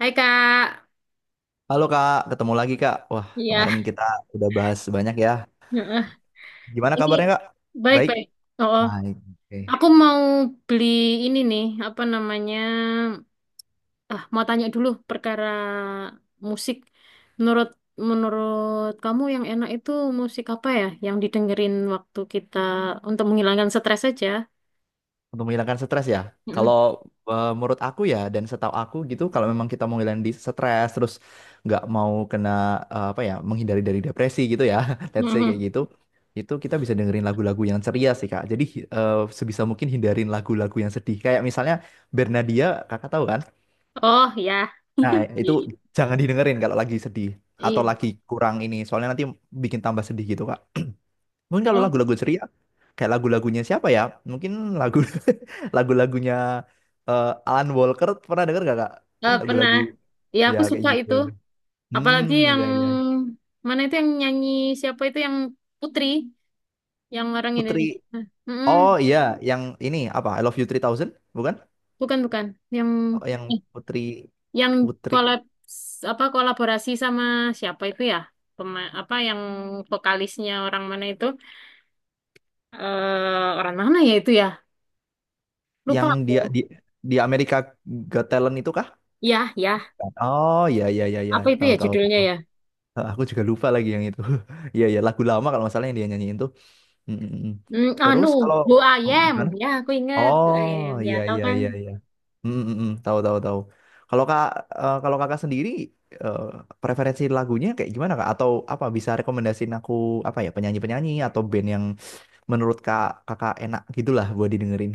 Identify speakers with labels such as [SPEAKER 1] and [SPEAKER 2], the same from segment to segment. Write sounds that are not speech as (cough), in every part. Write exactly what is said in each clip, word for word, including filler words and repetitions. [SPEAKER 1] Hai Kak,
[SPEAKER 2] Halo Kak, ketemu lagi Kak. Wah, kemarin
[SPEAKER 1] iya,
[SPEAKER 2] kita udah bahas banyak ya.
[SPEAKER 1] heeh.
[SPEAKER 2] Gimana
[SPEAKER 1] ini
[SPEAKER 2] kabarnya Kak? Baik.
[SPEAKER 1] baik-baik. Oh, oh.
[SPEAKER 2] Baik. Oke.
[SPEAKER 1] aku mau beli ini nih, apa namanya? Ah, mau tanya dulu perkara musik. Menurut menurut kamu yang enak itu musik apa ya? Yang didengerin waktu kita untuk menghilangkan stres aja?
[SPEAKER 2] Untuk menghilangkan stres ya. Kalau
[SPEAKER 1] Mm-mm.
[SPEAKER 2] eh, menurut aku ya dan setahu aku gitu, kalau memang kita mau ngilangin di stres terus nggak mau kena eh, apa ya, menghindari dari depresi gitu ya, (laughs) let's say kayak
[SPEAKER 1] Mm-mm.
[SPEAKER 2] gitu, itu kita bisa dengerin lagu-lagu yang ceria sih Kak. Jadi eh, sebisa mungkin hindarin lagu-lagu yang sedih. Kayak misalnya Bernadia, Kakak tahu kan?
[SPEAKER 1] Oh ya,
[SPEAKER 2] Nah,
[SPEAKER 1] (laughs)
[SPEAKER 2] itu jangan didengerin kalau lagi sedih atau
[SPEAKER 1] iya,
[SPEAKER 2] lagi kurang ini, soalnya nanti bikin tambah sedih gitu, Kak. Mungkin kalau
[SPEAKER 1] oh,
[SPEAKER 2] lagu-lagu ceria, kayak lagu-lagunya siapa ya? Mungkin lagu (laughs) lagu-lagunya eh, Alan Walker pernah denger gak, Kak? Ya
[SPEAKER 1] eh, pernah.
[SPEAKER 2] lagu-lagu
[SPEAKER 1] Ya
[SPEAKER 2] ya
[SPEAKER 1] aku
[SPEAKER 2] kayak
[SPEAKER 1] suka
[SPEAKER 2] gitu.
[SPEAKER 1] itu,
[SPEAKER 2] Hmm,
[SPEAKER 1] apalagi yang
[SPEAKER 2] iya iya.
[SPEAKER 1] mana itu yang nyanyi siapa itu yang Putri. Yang orang
[SPEAKER 2] Putri.
[SPEAKER 1] Indonesia. Nah, Mm-mm.
[SPEAKER 2] Oh iya, yang ini apa? I Love You three thousand, bukan?
[SPEAKER 1] Bukan bukan yang
[SPEAKER 2] Oh, yang
[SPEAKER 1] eh,
[SPEAKER 2] Putri
[SPEAKER 1] yang
[SPEAKER 2] Putri
[SPEAKER 1] kolab apa kolaborasi sama siapa itu ya? Pema- apa yang vokalisnya orang mana itu? Eh, orang mana ya itu ya? Lupa
[SPEAKER 2] yang dia
[SPEAKER 1] aku.
[SPEAKER 2] di di Amerika Got Talent itu kah?
[SPEAKER 1] Ya, ya.
[SPEAKER 2] Oh iya iya iya iya,
[SPEAKER 1] Apa itu
[SPEAKER 2] tahu
[SPEAKER 1] ya
[SPEAKER 2] tahu.
[SPEAKER 1] judulnya
[SPEAKER 2] Tahu.
[SPEAKER 1] ya?
[SPEAKER 2] Ah, aku juga lupa lagi yang itu. (laughs) Iya ya lagu lama kalau masalah yang dia nyanyiin tuh. Mm, mm, mm.
[SPEAKER 1] Hmm,
[SPEAKER 2] Terus kalau
[SPEAKER 1] anu, Who I
[SPEAKER 2] oh,
[SPEAKER 1] Am.
[SPEAKER 2] gimana?
[SPEAKER 1] Ya, aku inget. Who I
[SPEAKER 2] Oh
[SPEAKER 1] Am. Ya,
[SPEAKER 2] iya
[SPEAKER 1] tahu
[SPEAKER 2] iya
[SPEAKER 1] kan?
[SPEAKER 2] iya iya. Mm, mm, mm. Tahu tahu tahu. Kalau kak eh, kalau kakak sendiri eh, preferensi lagunya kayak gimana kak? Atau apa bisa rekomendasiin aku apa ya penyanyi penyanyi atau band yang menurut kak kakak enak gitulah buat didengerin?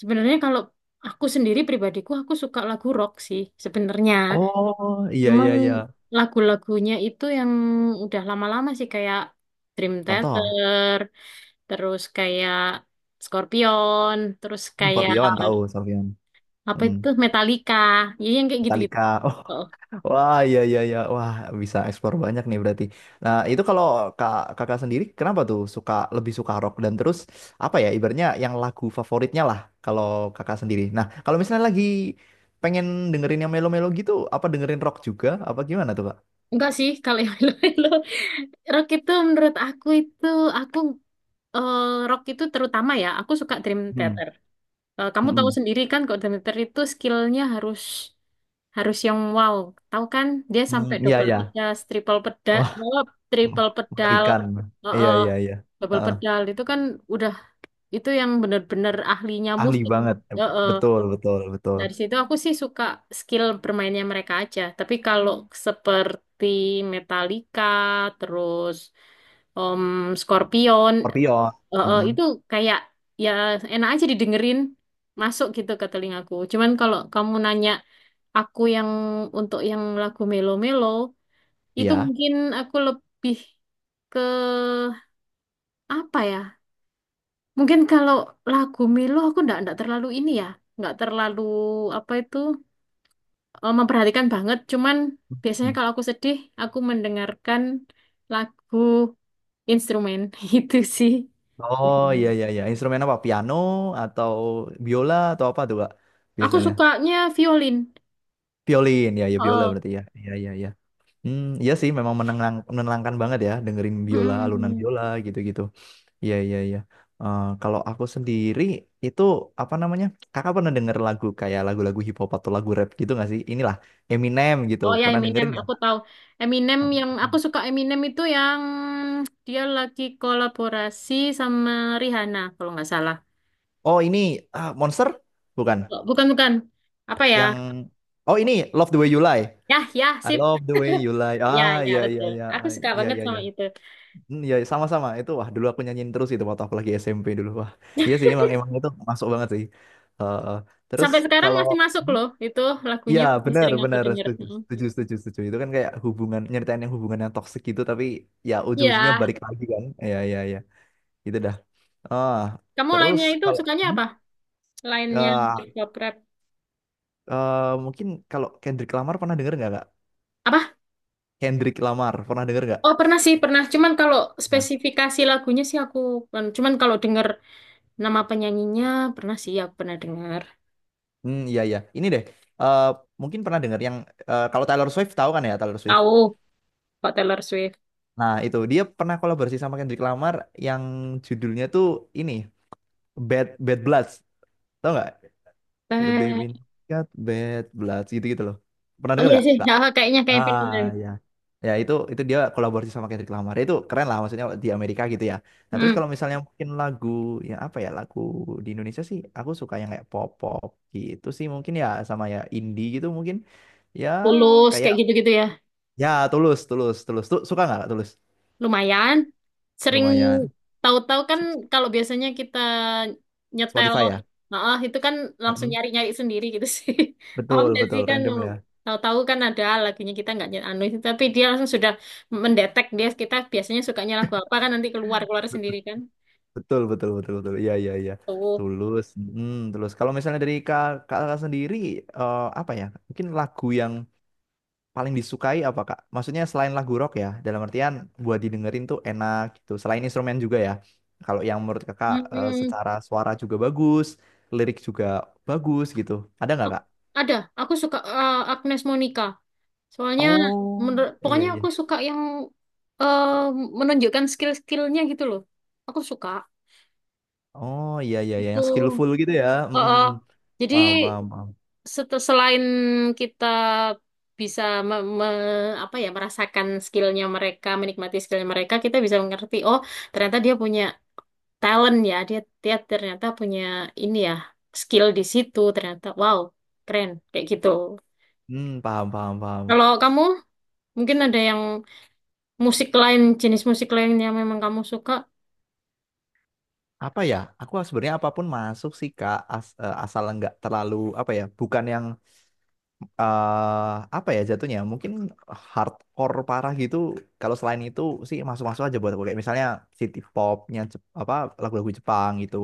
[SPEAKER 1] Sebenarnya kalau aku sendiri pribadiku aku suka lagu rock sih sebenarnya.
[SPEAKER 2] Oh iya
[SPEAKER 1] Cuman
[SPEAKER 2] iya iya.
[SPEAKER 1] lagu-lagunya itu yang udah lama-lama sih kayak Dream
[SPEAKER 2] Contoh
[SPEAKER 1] Theater, terus kayak Scorpion, terus kayak
[SPEAKER 2] Scorpion tahu Scorpion.
[SPEAKER 1] apa itu
[SPEAKER 2] Mm.
[SPEAKER 1] Metallica, ya yang kayak gitu-gitu.
[SPEAKER 2] Metallica.
[SPEAKER 1] Oh,
[SPEAKER 2] (laughs) Wah, iya iya iya. Wah, bisa eksplor banyak nih berarti. Nah, itu kalau kak, kakak sendiri kenapa tuh suka lebih suka rock dan terus apa ya ibaratnya yang lagu favoritnya lah kalau kakak sendiri. Nah, kalau misalnya lagi pengen dengerin yang melo-melo gitu, apa dengerin rock juga apa gimana tuh, Kak?
[SPEAKER 1] enggak sih kalau yang lo rock itu menurut aku itu aku eh, rock itu terutama ya aku suka Dream
[SPEAKER 2] Hmm.
[SPEAKER 1] Theater. Eh, kamu tahu
[SPEAKER 2] Mm.
[SPEAKER 1] sendiri kan kalau Dream Theater itu skillnya harus harus yang wow. Tahu kan dia
[SPEAKER 2] Hmm,
[SPEAKER 1] sampai
[SPEAKER 2] iya
[SPEAKER 1] double
[SPEAKER 2] iya.
[SPEAKER 1] pedas, triple pedas,
[SPEAKER 2] Wah,
[SPEAKER 1] triple pedal,
[SPEAKER 2] mengerikan.
[SPEAKER 1] eh,
[SPEAKER 2] Iya
[SPEAKER 1] eh,
[SPEAKER 2] iya iya.
[SPEAKER 1] double
[SPEAKER 2] Heeh.
[SPEAKER 1] pedal itu kan udah itu yang bener-bener ahlinya
[SPEAKER 2] Ahli
[SPEAKER 1] musik.
[SPEAKER 2] banget.
[SPEAKER 1] Eh, eh.
[SPEAKER 2] Betul, betul, betul.
[SPEAKER 1] Dari situ aku sih suka skill bermainnya mereka aja. Tapi kalau seperti Metallica, terus Om Scorpion,
[SPEAKER 2] Scorpion.
[SPEAKER 1] eh, eh,
[SPEAKER 2] Mm-mm.
[SPEAKER 1] itu kayak ya enak aja didengerin, masuk gitu ke telingaku. Cuman kalau kamu nanya aku yang untuk yang lagu melo-melo itu
[SPEAKER 2] Iya.
[SPEAKER 1] mungkin aku lebih ke apa ya? Mungkin kalau lagu melo aku ndak ndak terlalu ini ya, nggak terlalu apa itu eh, memperhatikan banget. Cuman biasanya
[SPEAKER 2] Hmm.
[SPEAKER 1] kalau aku sedih, aku mendengarkan lagu instrumen (laughs) itu sih.
[SPEAKER 2] Oh
[SPEAKER 1] Biasanya.
[SPEAKER 2] iya iya iya. Instrumen apa? Piano atau biola atau apa tuh Kak?
[SPEAKER 1] Aku
[SPEAKER 2] Biasanya.
[SPEAKER 1] sukanya violin.
[SPEAKER 2] Violin ya ya biola
[SPEAKER 1] Oh.
[SPEAKER 2] berarti ya. Iya iya iya. Hmm, iya sih memang menenang, menenangkan banget ya dengerin biola, alunan biola gitu-gitu. Iya iya iya. Eh, kalau aku sendiri itu apa namanya? Kakak pernah denger lagu kayak lagu-lagu hip hop atau lagu rap gitu nggak sih? Inilah Eminem gitu.
[SPEAKER 1] Oh ya
[SPEAKER 2] Pernah
[SPEAKER 1] Eminem,
[SPEAKER 2] dengerin nggak
[SPEAKER 1] aku
[SPEAKER 2] Kak?
[SPEAKER 1] tahu. Eminem
[SPEAKER 2] Oh,
[SPEAKER 1] yang aku
[SPEAKER 2] hmm.
[SPEAKER 1] suka Eminem itu yang dia lagi kolaborasi sama Rihanna kalau nggak salah.
[SPEAKER 2] Oh, ini ah, Monster bukan?
[SPEAKER 1] Oh, bukan bukan. Apa ya?
[SPEAKER 2] Yang Oh, ini Love the Way You Lie.
[SPEAKER 1] Ya ya
[SPEAKER 2] I
[SPEAKER 1] sip.
[SPEAKER 2] love the way you lie.
[SPEAKER 1] Ya
[SPEAKER 2] Ah,
[SPEAKER 1] ya
[SPEAKER 2] iya iya
[SPEAKER 1] betul.
[SPEAKER 2] iya.
[SPEAKER 1] Aku
[SPEAKER 2] Ah,
[SPEAKER 1] suka
[SPEAKER 2] iya
[SPEAKER 1] banget
[SPEAKER 2] iya
[SPEAKER 1] sama
[SPEAKER 2] iya.
[SPEAKER 1] itu.
[SPEAKER 2] Hmm, iya sama-sama. Itu wah dulu aku nyanyiin terus itu waktu aku lagi S M P dulu. Wah. Iya sih emang emang itu masuk banget sih. Eh, eh. terus
[SPEAKER 1] Sampai sekarang
[SPEAKER 2] kalau
[SPEAKER 1] masih masuk loh itu
[SPEAKER 2] iya
[SPEAKER 1] lagunya masih
[SPEAKER 2] benar
[SPEAKER 1] sering aku
[SPEAKER 2] benar
[SPEAKER 1] denger.
[SPEAKER 2] setuju
[SPEAKER 1] Mm.
[SPEAKER 2] setuju setuju setuju. Itu kan kayak hubungan nyeritain yang hubungan yang toksik gitu tapi ya
[SPEAKER 1] Iya.
[SPEAKER 2] ujung-ujungnya balik lagi kan. Iya iya iya itu dah ah
[SPEAKER 1] Kamu
[SPEAKER 2] terus
[SPEAKER 1] lainnya itu
[SPEAKER 2] kalau
[SPEAKER 1] sukanya
[SPEAKER 2] hmm?
[SPEAKER 1] apa? Lainnya
[SPEAKER 2] Ah,
[SPEAKER 1] hip-hop rap.
[SPEAKER 2] eh, mungkin kalau Kendrick Lamar pernah denger nggak kak.
[SPEAKER 1] Apa?
[SPEAKER 2] Kendrick Lamar pernah denger nggak?
[SPEAKER 1] Oh pernah sih pernah. Cuman kalau
[SPEAKER 2] Nah,
[SPEAKER 1] spesifikasi lagunya sih aku cuman kalau denger nama penyanyinya pernah sih aku pernah dengar.
[SPEAKER 2] hmm, iya iya. Ini deh, eh, mungkin pernah dengar yang eh, kalau Taylor Swift tahu kan ya Taylor Swift.
[SPEAKER 1] Tahu Kak Taylor Swift.
[SPEAKER 2] Nah itu dia pernah kolaborasi sama Kendrick Lamar yang judulnya tuh ini Bad Bad Bloods, tahu nggak? The Baby
[SPEAKER 1] Eh,
[SPEAKER 2] Got Bad Bloods gitu gitu loh. Pernah
[SPEAKER 1] oh
[SPEAKER 2] dengar
[SPEAKER 1] iya
[SPEAKER 2] nggak?
[SPEAKER 1] sih, ya, kayaknya kayak pernah
[SPEAKER 2] Ah
[SPEAKER 1] deh.
[SPEAKER 2] ya. Ya itu itu dia kolaborasi sama Kendrick Lamar. Itu keren lah maksudnya di Amerika gitu ya. Nah, terus
[SPEAKER 1] Hmm,
[SPEAKER 2] kalau misalnya mungkin lagu yang apa ya? Lagu di Indonesia sih aku suka yang kayak pop-pop gitu sih mungkin ya sama ya indie gitu mungkin. Ya
[SPEAKER 1] Tulus
[SPEAKER 2] kayak
[SPEAKER 1] kayak gitu-gitu ya.
[SPEAKER 2] ya Tulus, Tulus, Tulus. Tuh suka nggak Tulus?
[SPEAKER 1] Lumayan. Sering
[SPEAKER 2] Lumayan.
[SPEAKER 1] tahu-tahu kan kalau biasanya kita nyetel,
[SPEAKER 2] Spotify ya.
[SPEAKER 1] nah itu kan langsung
[SPEAKER 2] Mm-mm.
[SPEAKER 1] nyari-nyari sendiri gitu sih. (laughs) Paham
[SPEAKER 2] Betul,
[SPEAKER 1] nggak sih
[SPEAKER 2] betul,
[SPEAKER 1] kan
[SPEAKER 2] random ya.
[SPEAKER 1] tahu-tahu kan ada lagunya kita nggak nyet- anu itu, tapi dia langsung sudah mendetek dia kita biasanya sukanya lagu apa kan nanti keluar-keluar sendiri kan.
[SPEAKER 2] Betul, betul, betul, betul. Iya, iya, iya.
[SPEAKER 1] Tuh.
[SPEAKER 2] Tulus. Mm, tulus. Kalau misalnya dari kak- kakak sendiri, eh, apa ya? Mungkin lagu yang paling disukai apa Kak? Maksudnya selain lagu rock ya, dalam artian buat didengerin tuh enak gitu. Selain instrumen juga ya. Kalau yang menurut Kakak
[SPEAKER 1] Hmm,
[SPEAKER 2] eh,
[SPEAKER 1] hmm.
[SPEAKER 2] secara suara juga bagus, lirik juga bagus gitu. Ada nggak Kak?
[SPEAKER 1] ada. Aku suka eh, Agnes Monica. Soalnya
[SPEAKER 2] Oh,
[SPEAKER 1] menurut
[SPEAKER 2] iya
[SPEAKER 1] pokoknya aku
[SPEAKER 2] iya.
[SPEAKER 1] suka yang eh, menunjukkan skill-skillnya gitu loh. Aku suka
[SPEAKER 2] Oh, iya iya iya
[SPEAKER 1] itu.
[SPEAKER 2] yang skillful gitu ya.
[SPEAKER 1] Oh,
[SPEAKER 2] Mm, mm,
[SPEAKER 1] oh.
[SPEAKER 2] mm.
[SPEAKER 1] Jadi
[SPEAKER 2] Paham paham paham.
[SPEAKER 1] set- selain kita bisa me- me- apa ya merasakan skillnya mereka, menikmati skillnya mereka, kita bisa mengerti. Oh, ternyata dia punya talent ya. Dia dia ternyata punya ini ya skill di situ. Ternyata wow keren kayak gitu.
[SPEAKER 2] Hmm, paham paham paham.
[SPEAKER 1] Kalau kamu mungkin ada yang musik lain, jenis musik lain yang memang kamu suka.
[SPEAKER 2] Apa ya? Aku sebenarnya apapun masuk sih Kak, As- eh, asal nggak terlalu apa ya? Bukan yang eh apa ya jatuhnya mungkin hardcore parah gitu kalau selain itu sih masuk-masuk aja buat aku kayak misalnya city popnya Jep- apa lagu-lagu Jepang gitu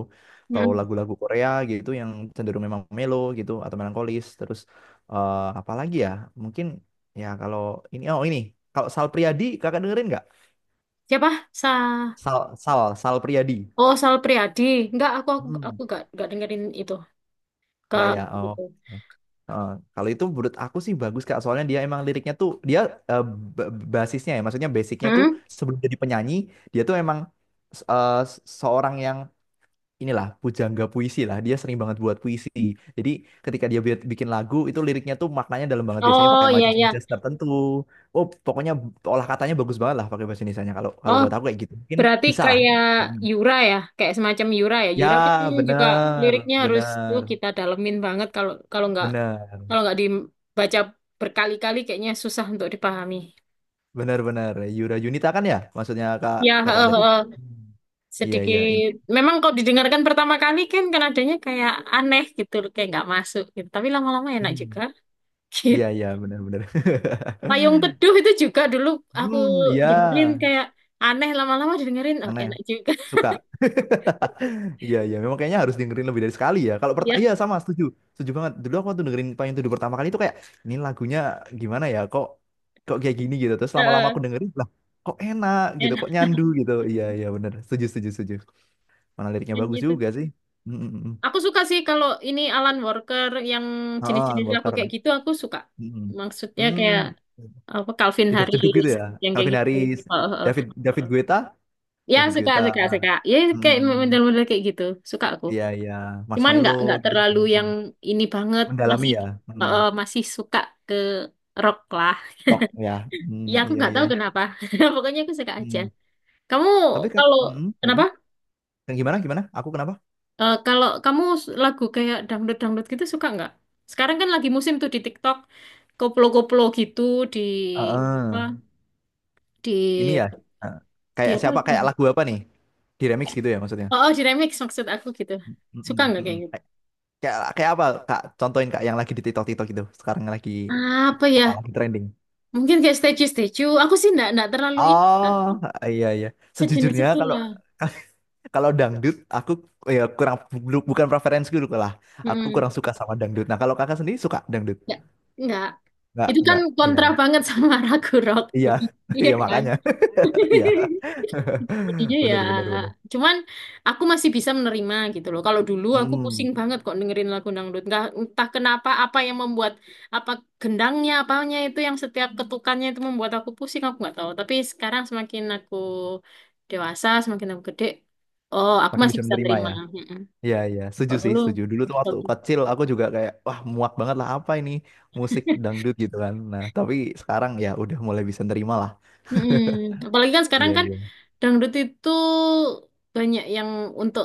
[SPEAKER 2] atau
[SPEAKER 1] Mm.
[SPEAKER 2] lagu-lagu Korea gitu yang cenderung memang melo gitu atau melankolis terus eh apa lagi ya mungkin ya kalau ini oh ini kalau Sal Priadi kakak dengerin nggak.
[SPEAKER 1] Siapa? Sa
[SPEAKER 2] Sal Sal Sal Priadi.
[SPEAKER 1] Oh, Sal Priadi. Enggak, aku aku
[SPEAKER 2] Hmm.
[SPEAKER 1] aku enggak enggak dengerin itu. Ke
[SPEAKER 2] Nggak ya. Oh.
[SPEAKER 1] gitu.
[SPEAKER 2] Ya. Heeh. Kalau itu menurut aku sih bagus Kak, soalnya dia emang liriknya tuh dia eh, ba- basisnya ya, maksudnya basicnya tuh
[SPEAKER 1] Hmm?
[SPEAKER 2] sebelum jadi penyanyi dia tuh emang eh, seorang yang inilah pujangga puisi lah, dia sering banget buat puisi. Jadi ketika dia bi- bikin lagu itu liriknya tuh maknanya dalam banget biasanya
[SPEAKER 1] Oh,
[SPEAKER 2] pakai
[SPEAKER 1] iya iya.
[SPEAKER 2] majas-majas tertentu. Oh pokoknya olah katanya bagus banget lah pakai bahasa Indonesianya. Kalau kalau
[SPEAKER 1] Oh,
[SPEAKER 2] buat aku kayak gitu mungkin
[SPEAKER 1] berarti
[SPEAKER 2] bisa lah.
[SPEAKER 1] kayak
[SPEAKER 2] Hmm.
[SPEAKER 1] Yura ya, kayak semacam Yura ya.
[SPEAKER 2] Ya
[SPEAKER 1] Yura kan juga
[SPEAKER 2] bener
[SPEAKER 1] liriknya harus tuh
[SPEAKER 2] bener
[SPEAKER 1] kita dalemin banget kalau kalau enggak
[SPEAKER 2] bener.
[SPEAKER 1] kalau enggak dibaca berkali-kali kayaknya susah untuk dipahami.
[SPEAKER 2] Benar-benar Yura Yunita kan ya, maksudnya kak
[SPEAKER 1] Ya,
[SPEAKER 2] kakak
[SPEAKER 1] heeh,
[SPEAKER 2] tadi.
[SPEAKER 1] heeh.
[SPEAKER 2] Hmm. Iya iya, in-
[SPEAKER 1] sedikit memang kalau didengarkan pertama kali kan nadanya kayak aneh gitu kayak nggak masuk gitu tapi lama-lama enak juga
[SPEAKER 2] hmm.
[SPEAKER 1] (laughs) gitu
[SPEAKER 2] Iya iya, benar-benar.
[SPEAKER 1] Payung
[SPEAKER 2] (laughs)
[SPEAKER 1] Teduh itu juga dulu aku
[SPEAKER 2] Hmm, iya,
[SPEAKER 1] dengerin kayak aneh lama-lama dengerin oh
[SPEAKER 2] aneh.
[SPEAKER 1] enak juga
[SPEAKER 2] Suka. (laughs) Iya iya, memang kayaknya harus dengerin lebih dari sekali ya. Kalau pertama,
[SPEAKER 1] (laughs)
[SPEAKER 2] iya
[SPEAKER 1] ya
[SPEAKER 2] sama, setuju, setuju banget. Dulu aku tuh dengerin Payung Teduh pertama kali itu kayak ini lagunya gimana ya? Kok kok kayak gini gitu. Terus lama-lama
[SPEAKER 1] heeh,
[SPEAKER 2] aku dengerin lah, kok enak gitu,
[SPEAKER 1] enak
[SPEAKER 2] kok nyandu gitu. Iya iya benar, setuju setuju setuju. Mana liriknya
[SPEAKER 1] kan
[SPEAKER 2] bagus
[SPEAKER 1] gitu
[SPEAKER 2] juga sih. Mm, mm, mm.
[SPEAKER 1] aku suka sih kalau ini Alan Walker yang
[SPEAKER 2] Ah,
[SPEAKER 1] jenis-jenis lagu kayak
[SPEAKER 2] Walker.
[SPEAKER 1] gitu aku suka
[SPEAKER 2] Mm-mm.
[SPEAKER 1] maksudnya kayak
[SPEAKER 2] Hmm, apa
[SPEAKER 1] apa Calvin
[SPEAKER 2] jeduk-jeduk gitu
[SPEAKER 1] Harris
[SPEAKER 2] ya.
[SPEAKER 1] yang kayak
[SPEAKER 2] Calvin
[SPEAKER 1] gitu
[SPEAKER 2] Harris,
[SPEAKER 1] Heeh, heeh.
[SPEAKER 2] David David Guetta,
[SPEAKER 1] ya
[SPEAKER 2] David
[SPEAKER 1] suka
[SPEAKER 2] Guetta.
[SPEAKER 1] suka suka ya kayak
[SPEAKER 2] Hmm,
[SPEAKER 1] model-model kayak gitu suka aku
[SPEAKER 2] iya iya,
[SPEAKER 1] Cuman
[SPEAKER 2] Marshmello
[SPEAKER 1] nggak nggak
[SPEAKER 2] gitu.
[SPEAKER 1] terlalu
[SPEAKER 2] Hmm.
[SPEAKER 1] yang ini banget,
[SPEAKER 2] Mendalami.
[SPEAKER 1] masih
[SPEAKER 2] Hmm. Ya. Hmm.
[SPEAKER 1] eh, masih suka ke rock lah.
[SPEAKER 2] Rock ya. Hmm,
[SPEAKER 1] Ya aku
[SPEAKER 2] iya
[SPEAKER 1] nggak
[SPEAKER 2] iya.
[SPEAKER 1] tahu kenapa. (laughs) Pokoknya aku suka aja.
[SPEAKER 2] Hmm.
[SPEAKER 1] Kamu
[SPEAKER 2] Tapi Kak,
[SPEAKER 1] kalau
[SPEAKER 2] hmm,
[SPEAKER 1] kenapa?
[SPEAKER 2] gimana? Dan gimana gimana? Aku kenapa?
[SPEAKER 1] Eh, kalau kamu s- lagu kayak dangdut-dangdut gitu suka nggak? Sekarang kan lagi musim tuh di TikTok, koplo-koplo gitu di apa?
[SPEAKER 2] Heeh. Ini
[SPEAKER 1] Di
[SPEAKER 2] ya. eh,
[SPEAKER 1] di
[SPEAKER 2] Kayak
[SPEAKER 1] apa?
[SPEAKER 2] siapa kayak
[SPEAKER 1] Itu?
[SPEAKER 2] lagu apa nih? Di remix gitu ya maksudnya.
[SPEAKER 1] Oh, oh, di remix maksud aku gitu.
[SPEAKER 2] Mm-mm,
[SPEAKER 1] Suka nggak
[SPEAKER 2] mm-mm.
[SPEAKER 1] kayak gitu?
[SPEAKER 2] Kayak kayak apa Kak? Contohin Kak yang lagi di TikTok-TikTok gitu. Sekarang lagi
[SPEAKER 1] Apa
[SPEAKER 2] apa
[SPEAKER 1] ya?
[SPEAKER 2] lagi trending?
[SPEAKER 1] Mungkin kayak statue-statue. Aku sih nggak nggak terlalu ini. kan.
[SPEAKER 2] Oh, iya iya.
[SPEAKER 1] Sejenis
[SPEAKER 2] Sejujurnya kalau
[SPEAKER 1] itulah.
[SPEAKER 2] (laughs) kalau dangdut aku ya kurang bu- bukan preferensiku dulu lah. Aku
[SPEAKER 1] Mm-mm.
[SPEAKER 2] kurang suka sama dangdut. Nah, kalau kakak sendiri suka dangdut?
[SPEAKER 1] Nggak, nggak.
[SPEAKER 2] Enggak,
[SPEAKER 1] Itu kan
[SPEAKER 2] enggak. Iya.
[SPEAKER 1] kontra banget sama (laughs) Ragu Rock.
[SPEAKER 2] Iya. (laughs)
[SPEAKER 1] Iya
[SPEAKER 2] Iya
[SPEAKER 1] kan?
[SPEAKER 2] makanya. (laughs)
[SPEAKER 1] (laughs)
[SPEAKER 2] Iya.
[SPEAKER 1] Jadinya
[SPEAKER 2] (laughs)
[SPEAKER 1] ya,
[SPEAKER 2] Bener bener bener.
[SPEAKER 1] cuman aku masih bisa menerima gitu loh. Kalau dulu aku
[SPEAKER 2] Mm,
[SPEAKER 1] pusing banget kok dengerin lagu dangdut. Nggak, entah kenapa apa yang membuat apa gendangnya, apanya itu yang setiap ketukannya itu membuat aku pusing, aku nggak tahu. Tapi sekarang semakin aku dewasa, semakin aku gede, oh aku
[SPEAKER 2] makin
[SPEAKER 1] masih
[SPEAKER 2] bisa
[SPEAKER 1] bisa
[SPEAKER 2] menerima
[SPEAKER 1] terima.
[SPEAKER 2] ya.
[SPEAKER 1] Mm-mm.
[SPEAKER 2] Iya iya, setuju
[SPEAKER 1] Kalau
[SPEAKER 2] sih,
[SPEAKER 1] dulu,
[SPEAKER 2] setuju. Dulu tuh waktu kecil aku juga kayak wah muak banget lah apa ini musik dangdut gitu kan. Nah, tapi sekarang ya udah mulai bisa nerima lah.
[SPEAKER 1] Mm-mm. Apalagi kan
[SPEAKER 2] (laughs) Iya
[SPEAKER 1] sekarang kan
[SPEAKER 2] iya.
[SPEAKER 1] dangdut itu banyak yang untuk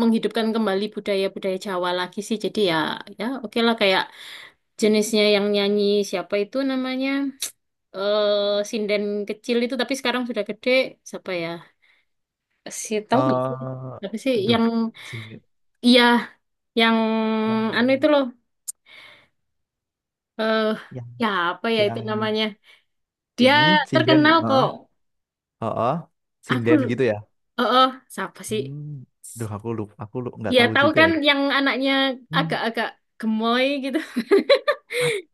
[SPEAKER 1] menghidupkan kembali budaya-budaya Jawa lagi sih. Jadi ya, ya oke lah kayak jenisnya yang nyanyi siapa itu namanya eh sinden kecil itu tapi sekarang sudah gede siapa ya? Si tahu nggak sih?
[SPEAKER 2] Eh,
[SPEAKER 1] Tapi sih yang
[SPEAKER 2] aduh.
[SPEAKER 1] iya yang
[SPEAKER 2] yang
[SPEAKER 1] anu itu loh eh
[SPEAKER 2] yang
[SPEAKER 1] ya apa ya itu
[SPEAKER 2] yang
[SPEAKER 1] namanya? Dia
[SPEAKER 2] hmm, sinden
[SPEAKER 1] terkenal kok.
[SPEAKER 2] heeh heeh,
[SPEAKER 1] Aku
[SPEAKER 2] sinden gitu ya.
[SPEAKER 1] eh eh, siapa sih?
[SPEAKER 2] Hmm, duh aku lupa aku lu nggak
[SPEAKER 1] Iya
[SPEAKER 2] tahu
[SPEAKER 1] tahu
[SPEAKER 2] juga
[SPEAKER 1] kan
[SPEAKER 2] ya.
[SPEAKER 1] yang anaknya
[SPEAKER 2] Hmm.
[SPEAKER 1] agak-agak gemoy gitu.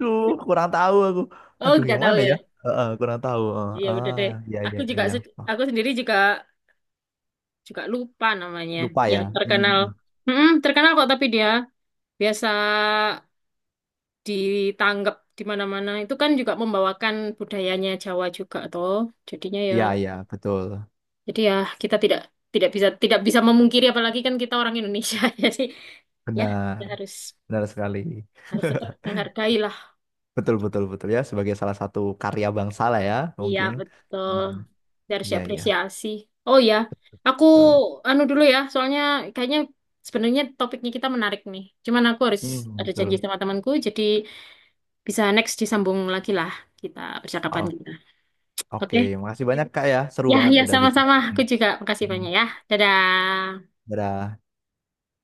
[SPEAKER 2] Duh kurang tahu aku
[SPEAKER 1] Oh,
[SPEAKER 2] aduh
[SPEAKER 1] nggak
[SPEAKER 2] yang
[SPEAKER 1] tahu
[SPEAKER 2] mana
[SPEAKER 1] ya.
[SPEAKER 2] ya. Heeh, kurang tahu heeh.
[SPEAKER 1] Iya, udah
[SPEAKER 2] Ah
[SPEAKER 1] deh.
[SPEAKER 2] ya ya
[SPEAKER 1] Aku juga
[SPEAKER 2] ya.
[SPEAKER 1] se-
[SPEAKER 2] Ah,
[SPEAKER 1] aku sendiri juga juga lupa namanya.
[SPEAKER 2] lupa
[SPEAKER 1] Yang
[SPEAKER 2] ya hmm, hmm,
[SPEAKER 1] terkenal.
[SPEAKER 2] hmm.
[SPEAKER 1] Mm-mm, terkenal kok tapi dia biasa ditanggap di mana-mana. Itu kan juga membawakan budayanya Jawa juga toh. Jadinya ya
[SPEAKER 2] Ya ya betul
[SPEAKER 1] jadi ya kita tidak tidak bisa tidak bisa memungkiri apalagi kan kita orang Indonesia. (laughs) Jadi ya kita
[SPEAKER 2] benar
[SPEAKER 1] harus
[SPEAKER 2] benar sekali.
[SPEAKER 1] harus tetap
[SPEAKER 2] (laughs)
[SPEAKER 1] menghargai lah
[SPEAKER 2] Betul betul betul ya sebagai salah satu karya bangsa lah ya
[SPEAKER 1] Iya,
[SPEAKER 2] mungkin
[SPEAKER 1] betul.
[SPEAKER 2] hmm,
[SPEAKER 1] Dia harus
[SPEAKER 2] ya ya
[SPEAKER 1] diapresiasi. Oh ya, aku
[SPEAKER 2] betul, betul.
[SPEAKER 1] anu dulu ya, soalnya kayaknya sebenarnya topiknya kita menarik nih. Cuman aku harus
[SPEAKER 2] Hmm,
[SPEAKER 1] ada janji
[SPEAKER 2] betul.
[SPEAKER 1] sama temanku, jadi bisa next disambung lagi lah kita percakapan
[SPEAKER 2] Oh,
[SPEAKER 1] kita.
[SPEAKER 2] oke,
[SPEAKER 1] Oke?
[SPEAKER 2] makasih banyak Kak ya. Seru
[SPEAKER 1] Ya,
[SPEAKER 2] banget
[SPEAKER 1] ya
[SPEAKER 2] udah bicara.
[SPEAKER 1] sama-sama.
[SPEAKER 2] Ini.
[SPEAKER 1] Aku juga makasih
[SPEAKER 2] Hmm,
[SPEAKER 1] banyak ya. Dadah.
[SPEAKER 2] dadah.